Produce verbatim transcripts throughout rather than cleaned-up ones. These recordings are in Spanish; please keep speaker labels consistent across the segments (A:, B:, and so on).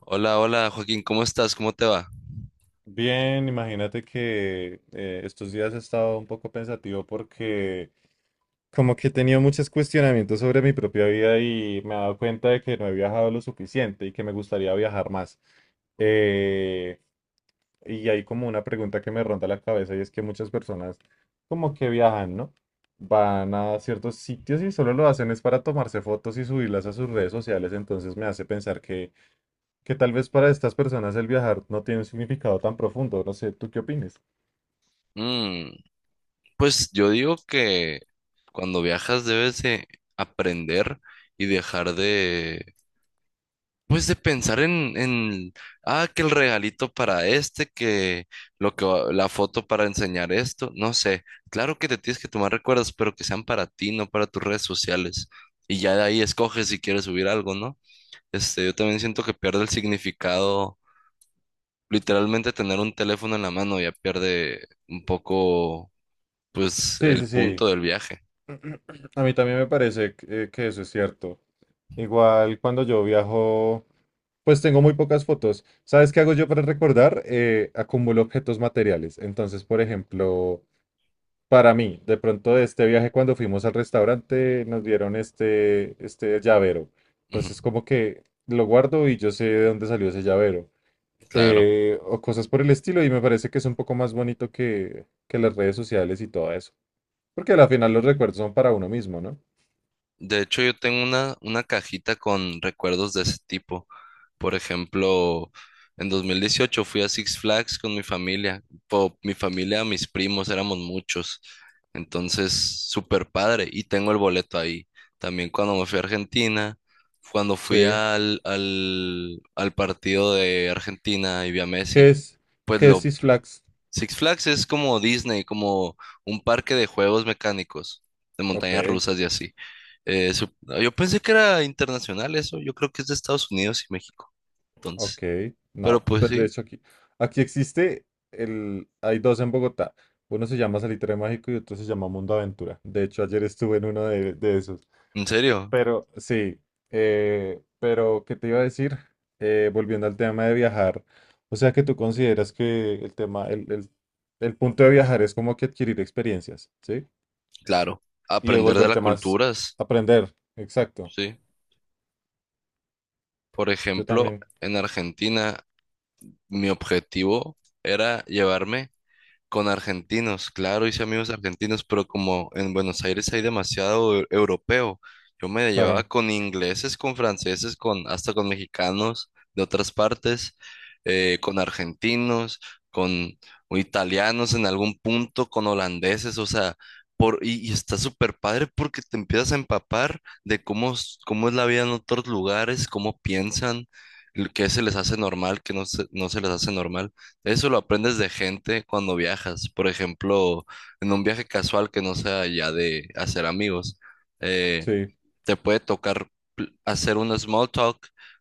A: Hola, hola Joaquín, ¿cómo estás? ¿Cómo te va?
B: Bien, imagínate que eh, estos días he estado un poco pensativo porque como que he tenido muchos cuestionamientos sobre mi propia vida y me he dado cuenta de que no he viajado lo suficiente y que me gustaría viajar más. Eh, y hay como una pregunta que me ronda la cabeza y es que muchas personas como que viajan, ¿no? Van a ciertos sitios y solo lo hacen es para tomarse fotos y subirlas a sus redes sociales, entonces me hace pensar que, que tal vez para estas personas el viajar no tiene un significado tan profundo, no sé, ¿tú qué opinas?
A: Mm, pues yo digo que cuando viajas debes de aprender y dejar de, pues de pensar en, en, ah, que el regalito para este, que lo que va- la foto para enseñar esto, no sé. Claro que te tienes que tomar recuerdos, pero que sean para ti, no para tus redes sociales. Y ya de ahí escoges si quieres subir algo, ¿no? Este, yo también siento que pierde el significado literalmente tener un teléfono en la mano ya pierde un poco, pues,
B: Sí, sí,
A: el
B: sí.
A: punto del viaje.
B: A mí también me parece que, que eso es cierto. Igual cuando yo viajo, pues tengo muy pocas fotos. ¿Sabes qué hago yo para recordar? Eh, acumulo objetos materiales. Entonces, por ejemplo, para mí, de pronto de este viaje cuando fuimos al restaurante, nos dieron este, este llavero.
A: Ujú.
B: Entonces, como que lo guardo y yo sé de dónde salió ese llavero.
A: Claro.
B: Eh, o cosas por el estilo y me parece que es un poco más bonito que, que las redes sociales y todo eso. Porque al final los recuerdos son para uno mismo, ¿no?
A: De hecho, yo tengo una, una cajita con recuerdos de ese tipo. Por ejemplo, en dos mil dieciocho fui a Six Flags con mi familia. Po- mi familia, mis primos, éramos muchos. Entonces, súper padre. Y tengo el boleto ahí. También cuando me fui a Argentina, cuando
B: Sí.
A: fui al, al, al partido de Argentina y vi a
B: ¿Qué
A: Messi,
B: es,
A: pues
B: qué es
A: lo,
B: Six Flags?
A: Six Flags es como Disney, como un parque de juegos mecánicos, de
B: Ok,
A: montañas rusas y así. Eh, su- yo pensé que era internacional eso, yo creo que es de Estados Unidos y México, entonces.
B: ok.
A: Pero
B: No,
A: pues
B: pues de
A: sí,
B: hecho aquí, aquí existe el, hay dos en Bogotá. Uno se llama Salitre Mágico y otro se llama Mundo Aventura. De hecho, ayer estuve en uno de, de esos.
A: en serio,
B: Pero sí, eh, pero ¿qué te iba a decir? Eh, volviendo al tema de viajar, o sea que tú consideras que el tema, el, el, el punto de viajar es como que adquirir experiencias, ¿sí?
A: claro.
B: Y de
A: Aprender de las
B: volverte más,
A: culturas,
B: aprender, exacto.
A: sí. Por
B: Yo
A: ejemplo,
B: también,
A: en Argentina, mi objetivo era llevarme. Con argentinos, claro, hice amigos argentinos, pero como en Buenos Aires hay demasiado eu- europeo, yo me llevaba
B: claro.
A: con ingleses, con franceses, con hasta con mexicanos de otras partes, eh, con argentinos, con italianos en algún punto, con holandeses, o sea, por, y, y está súper padre porque te empiezas a empapar de cómo, es- cómo es la vida en otros lugares, cómo piensan, l- qué se les hace normal, qué no se, no se les hace normal. Eso lo aprendes de gente cuando viajas. Por ejemplo, en un viaje casual que no sea ya de hacer amigos, eh,
B: Sí,
A: te puede tocar pl- hacer un small talk,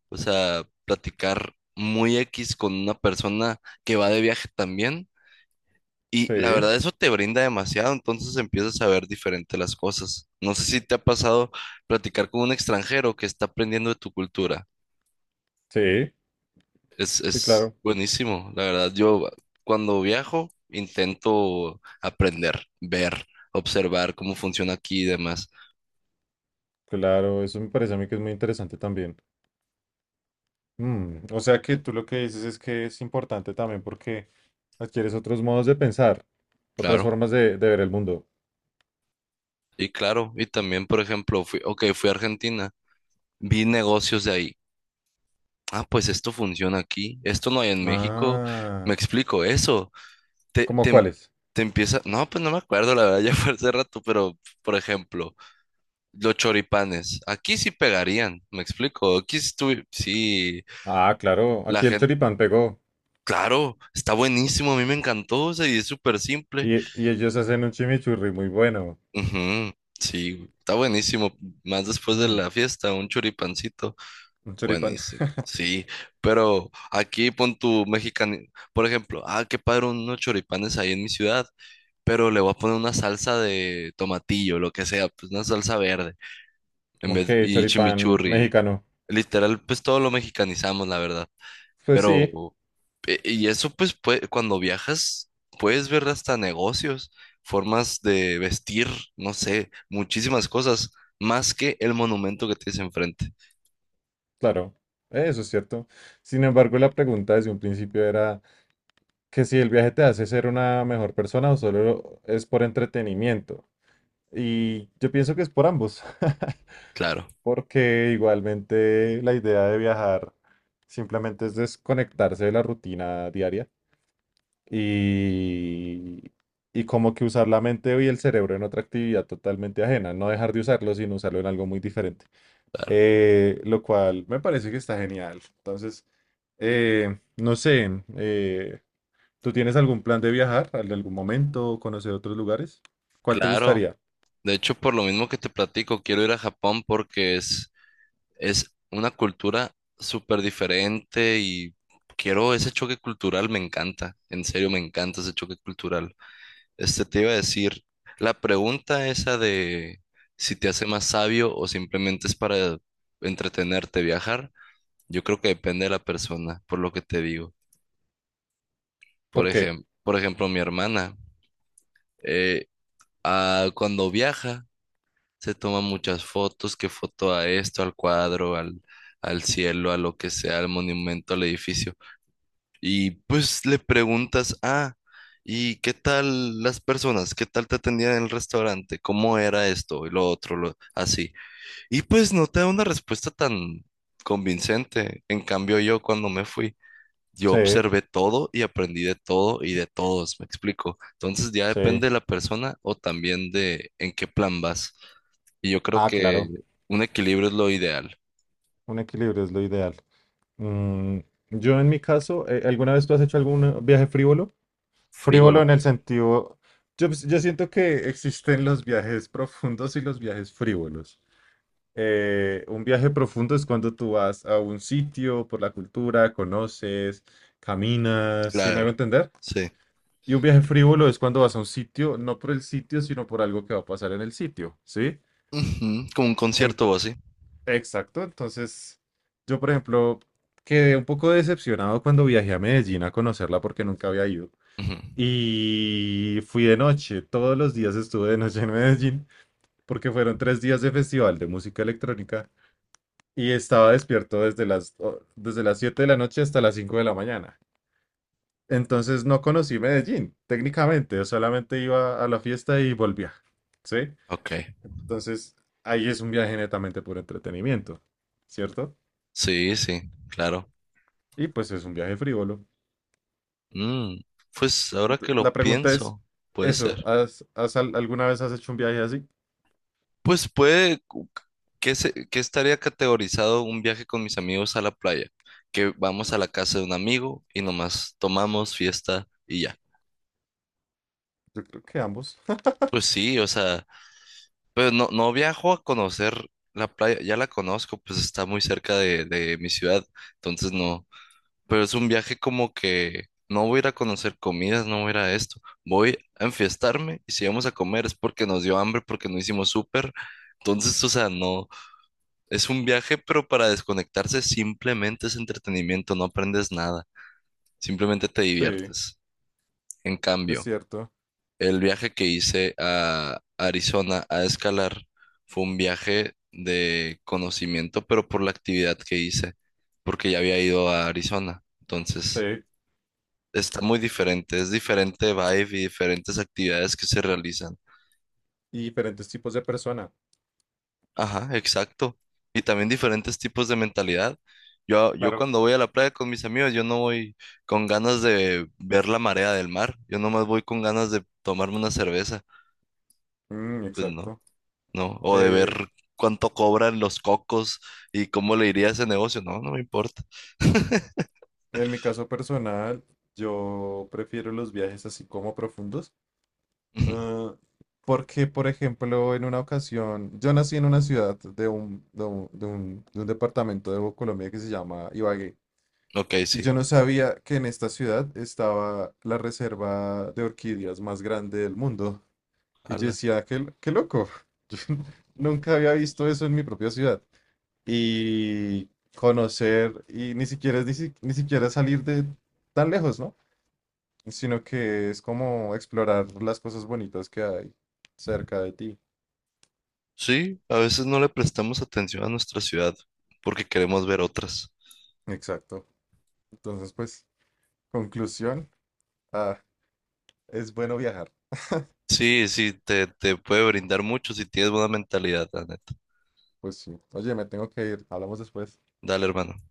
A: o sea, platicar muy X con una persona que va de viaje también. Y la
B: sí,
A: verdad, eso te brinda demasiado, entonces empiezas a ver diferente las cosas. No sé si te ha pasado platicar con un extranjero que está aprendiendo de tu cultura.
B: sí,
A: Es,
B: sí,
A: es
B: claro,
A: buenísimo, la verdad. Yo cuando viajo intento aprender, ver, observar cómo funciona aquí y demás.
B: claro, eso me parece a mí que es muy interesante también. Mm, o sea que tú lo que dices es que es importante también porque adquieres otros modos de pensar, otras
A: Claro,
B: formas de, de ver el mundo.
A: y claro, y también, por ejemplo, fui, ok, fui a Argentina, vi negocios de ahí. Ah, pues esto funciona aquí, esto no hay en México. Me
B: Ah,
A: explico eso. Te,
B: ¿cómo
A: te, em-
B: cuáles?
A: te empieza, no, pues no me acuerdo, la verdad, ya fue hace rato, pero, por ejemplo, los choripanes, aquí sí pegarían, me explico. Aquí sí, sí,
B: Ah, claro,
A: la.
B: aquí el choripán pegó
A: Claro, está buenísimo, a mí me encantó, o sea, y es súper simple.
B: y, y ellos hacen un chimichurri muy bueno.
A: Ujú, sí, güey, está buenísimo. Más después de
B: Mm,
A: la fiesta, un choripancito,
B: un choripán.
A: buenísimo. Sí, pero aquí pon tu mexicano, por ejemplo, ah, qué padre unos choripanes ahí en mi ciudad, pero le voy a poner una salsa de tomatillo, lo que sea, pues una salsa verde, en
B: Ok,
A: vez y
B: choripán
A: chimichurri.
B: mexicano.
A: Literal, pues todo lo mexicanizamos, la verdad.
B: Pues sí.
A: Pero E- Y eso pues pue- cuando viajas puedes ver hasta negocios, formas de vestir, no sé, muchísimas cosas, más que el monumento que tienes enfrente.
B: Claro, eso es cierto. Sin embargo, la pregunta desde un principio era que si el viaje te hace ser una mejor persona o solo es por entretenimiento. Y yo pienso que es por ambos,
A: Claro,
B: porque igualmente la idea de viajar simplemente es desconectarse de la rutina diaria y, y como que usar la mente y el cerebro en otra actividad totalmente ajena, no dejar de usarlo, sino usarlo en algo muy diferente.
A: claro,
B: Eh, lo cual me parece que está genial. Entonces… Eh, no sé, eh, ¿Tú tienes algún plan de viajar en algún momento, conocer otros lugares? ¿Cuál te
A: claro.
B: gustaría?
A: De hecho, por lo mismo que te platico, quiero ir a Japón porque es, es una cultura súper diferente y quiero ese choque cultural, me encanta, en serio, me encanta ese choque cultural. Este te iba a decir, la pregunta esa de si te hace más sabio o simplemente es para entretenerte, viajar, yo creo que depende de la persona, por lo que te digo. Por
B: ¿Por qué?
A: ejemplo, por ejemplo, mi hermana, eh, ah, cuando viaja, se toma muchas fotos, que foto a esto, al cuadro, al, al cielo, a lo que sea, al monumento, al edificio. Y pues le preguntas, ah, ¿y qué tal las personas? ¿Qué tal te atendían en el restaurante? ¿Cómo era esto y lo otro, lo- así? Y pues no te da una respuesta tan convincente. En cambio, yo cuando me fui, yo
B: Sí,
A: observé todo y aprendí de todo y de todos, ¿me explico? Entonces ya
B: sí.
A: depende de la persona o también de en qué plan vas. Y yo creo
B: Ah,
A: que
B: claro,
A: un equilibrio es lo ideal.
B: un equilibrio es lo ideal. Mm, yo en mi caso, eh, ¿alguna vez tú has hecho algún viaje frívolo? Frívolo
A: Frígolo,
B: en el sentido, yo, yo siento que existen los viajes profundos y los viajes frívolos. Eh, un viaje profundo es cuando tú vas a un sitio por la cultura, conoces, caminas, ¿sí me
A: claro.
B: hago entender?
A: Sí.
B: Y un viaje frívolo es cuando vas a un sitio, no por el sitio, sino por algo que va a pasar en el sitio, ¿sí?
A: Ujú. Como un
B: En-
A: concierto o así.
B: exacto, entonces yo, por ejemplo, quedé un poco decepcionado cuando viajé a Medellín a conocerla porque nunca había ido.
A: Ujú.
B: Y fui de noche, todos los días estuve de noche en Medellín porque fueron tres días de festival de música electrónica y estaba despierto desde las, o- desde las siete de la noche hasta las cinco de la mañana. Entonces no conocí Medellín, técnicamente, yo solamente iba a la fiesta y volvía, ¿sí?
A: Ok,
B: Entonces ahí es un viaje netamente por entretenimiento, ¿cierto?
A: sí, sí, claro.
B: Y pues es un viaje frívolo.
A: Mm, pues ahora que
B: Ent-
A: lo
B: La pregunta es,
A: pienso, puede
B: eso,
A: ser.
B: ¿has, has al- ¿alguna vez has hecho un viaje así?
A: Pues puede, cu- ¿qué, se- qué estaría categorizado un viaje con mis amigos a la playa? Que vamos a la casa de un amigo y nomás tomamos fiesta y ya.
B: Yo creo que ambos.
A: Pues sí, o sea, pero no, no viajo a conocer la playa, ya la conozco, pues está muy cerca de, de mi ciudad, entonces no. Pero es un viaje como que no voy a ir a conocer comidas, no voy a ir a esto. Voy a enfiestarme y si vamos a comer es porque nos dio hambre, porque no hicimos súper. Entonces, o sea, no. Es un viaje, pero para desconectarse simplemente es entretenimiento, no aprendes nada. Simplemente te
B: Sí,
A: diviertes. En
B: es
A: cambio,
B: cierto.
A: el viaje que hice a Arizona a escalar fue un viaje de conocimiento, pero por la actividad que hice, porque ya había ido a Arizona.
B: Sí,
A: Entonces. Está muy diferente, es diferente vibe y diferentes actividades que se realizan.
B: y diferentes tipos de persona.
A: Ajá, exacto. Y también diferentes tipos de mentalidad. Yo, yo
B: Claro.
A: cuando voy a la playa con mis amigos, yo no voy con ganas de ver la marea del mar, yo nomás voy con ganas de tomarme una cerveza,
B: Mm,
A: pues no,
B: exacto.
A: no, o de
B: Eh,
A: ver cuánto cobran los cocos y cómo le iría a ese negocio, no, no me importa.
B: en mi caso personal, yo prefiero los viajes así como profundos.
A: Ujú.
B: Ah, porque, por ejemplo, en una ocasión, yo nací en una ciudad de un, de un, de un- de un departamento de Colombia que se llama Ibagué,
A: Ok,
B: y
A: sí.
B: yo no sabía que en esta ciudad estaba la reserva de orquídeas más grande del mundo. Y yo
A: Ala.
B: decía, qué, l- qué loco, yo nunca había visto eso en mi propia ciudad. Y conocer, y ni siquiera, es ni, si- ni siquiera salir de tan lejos, ¿no? Sino que es como explorar las cosas bonitas que hay cerca de ti.
A: Sí, a veces no le prestamos atención a nuestra ciudad porque queremos ver otras.
B: Exacto. Entonces, pues, conclusión, ah, es bueno viajar.
A: Sí, sí, te, te puede brindar mucho si tienes buena mentalidad, la neta.
B: Pues sí. Oye, me tengo que ir. Hablamos después.
A: Dale, hermano.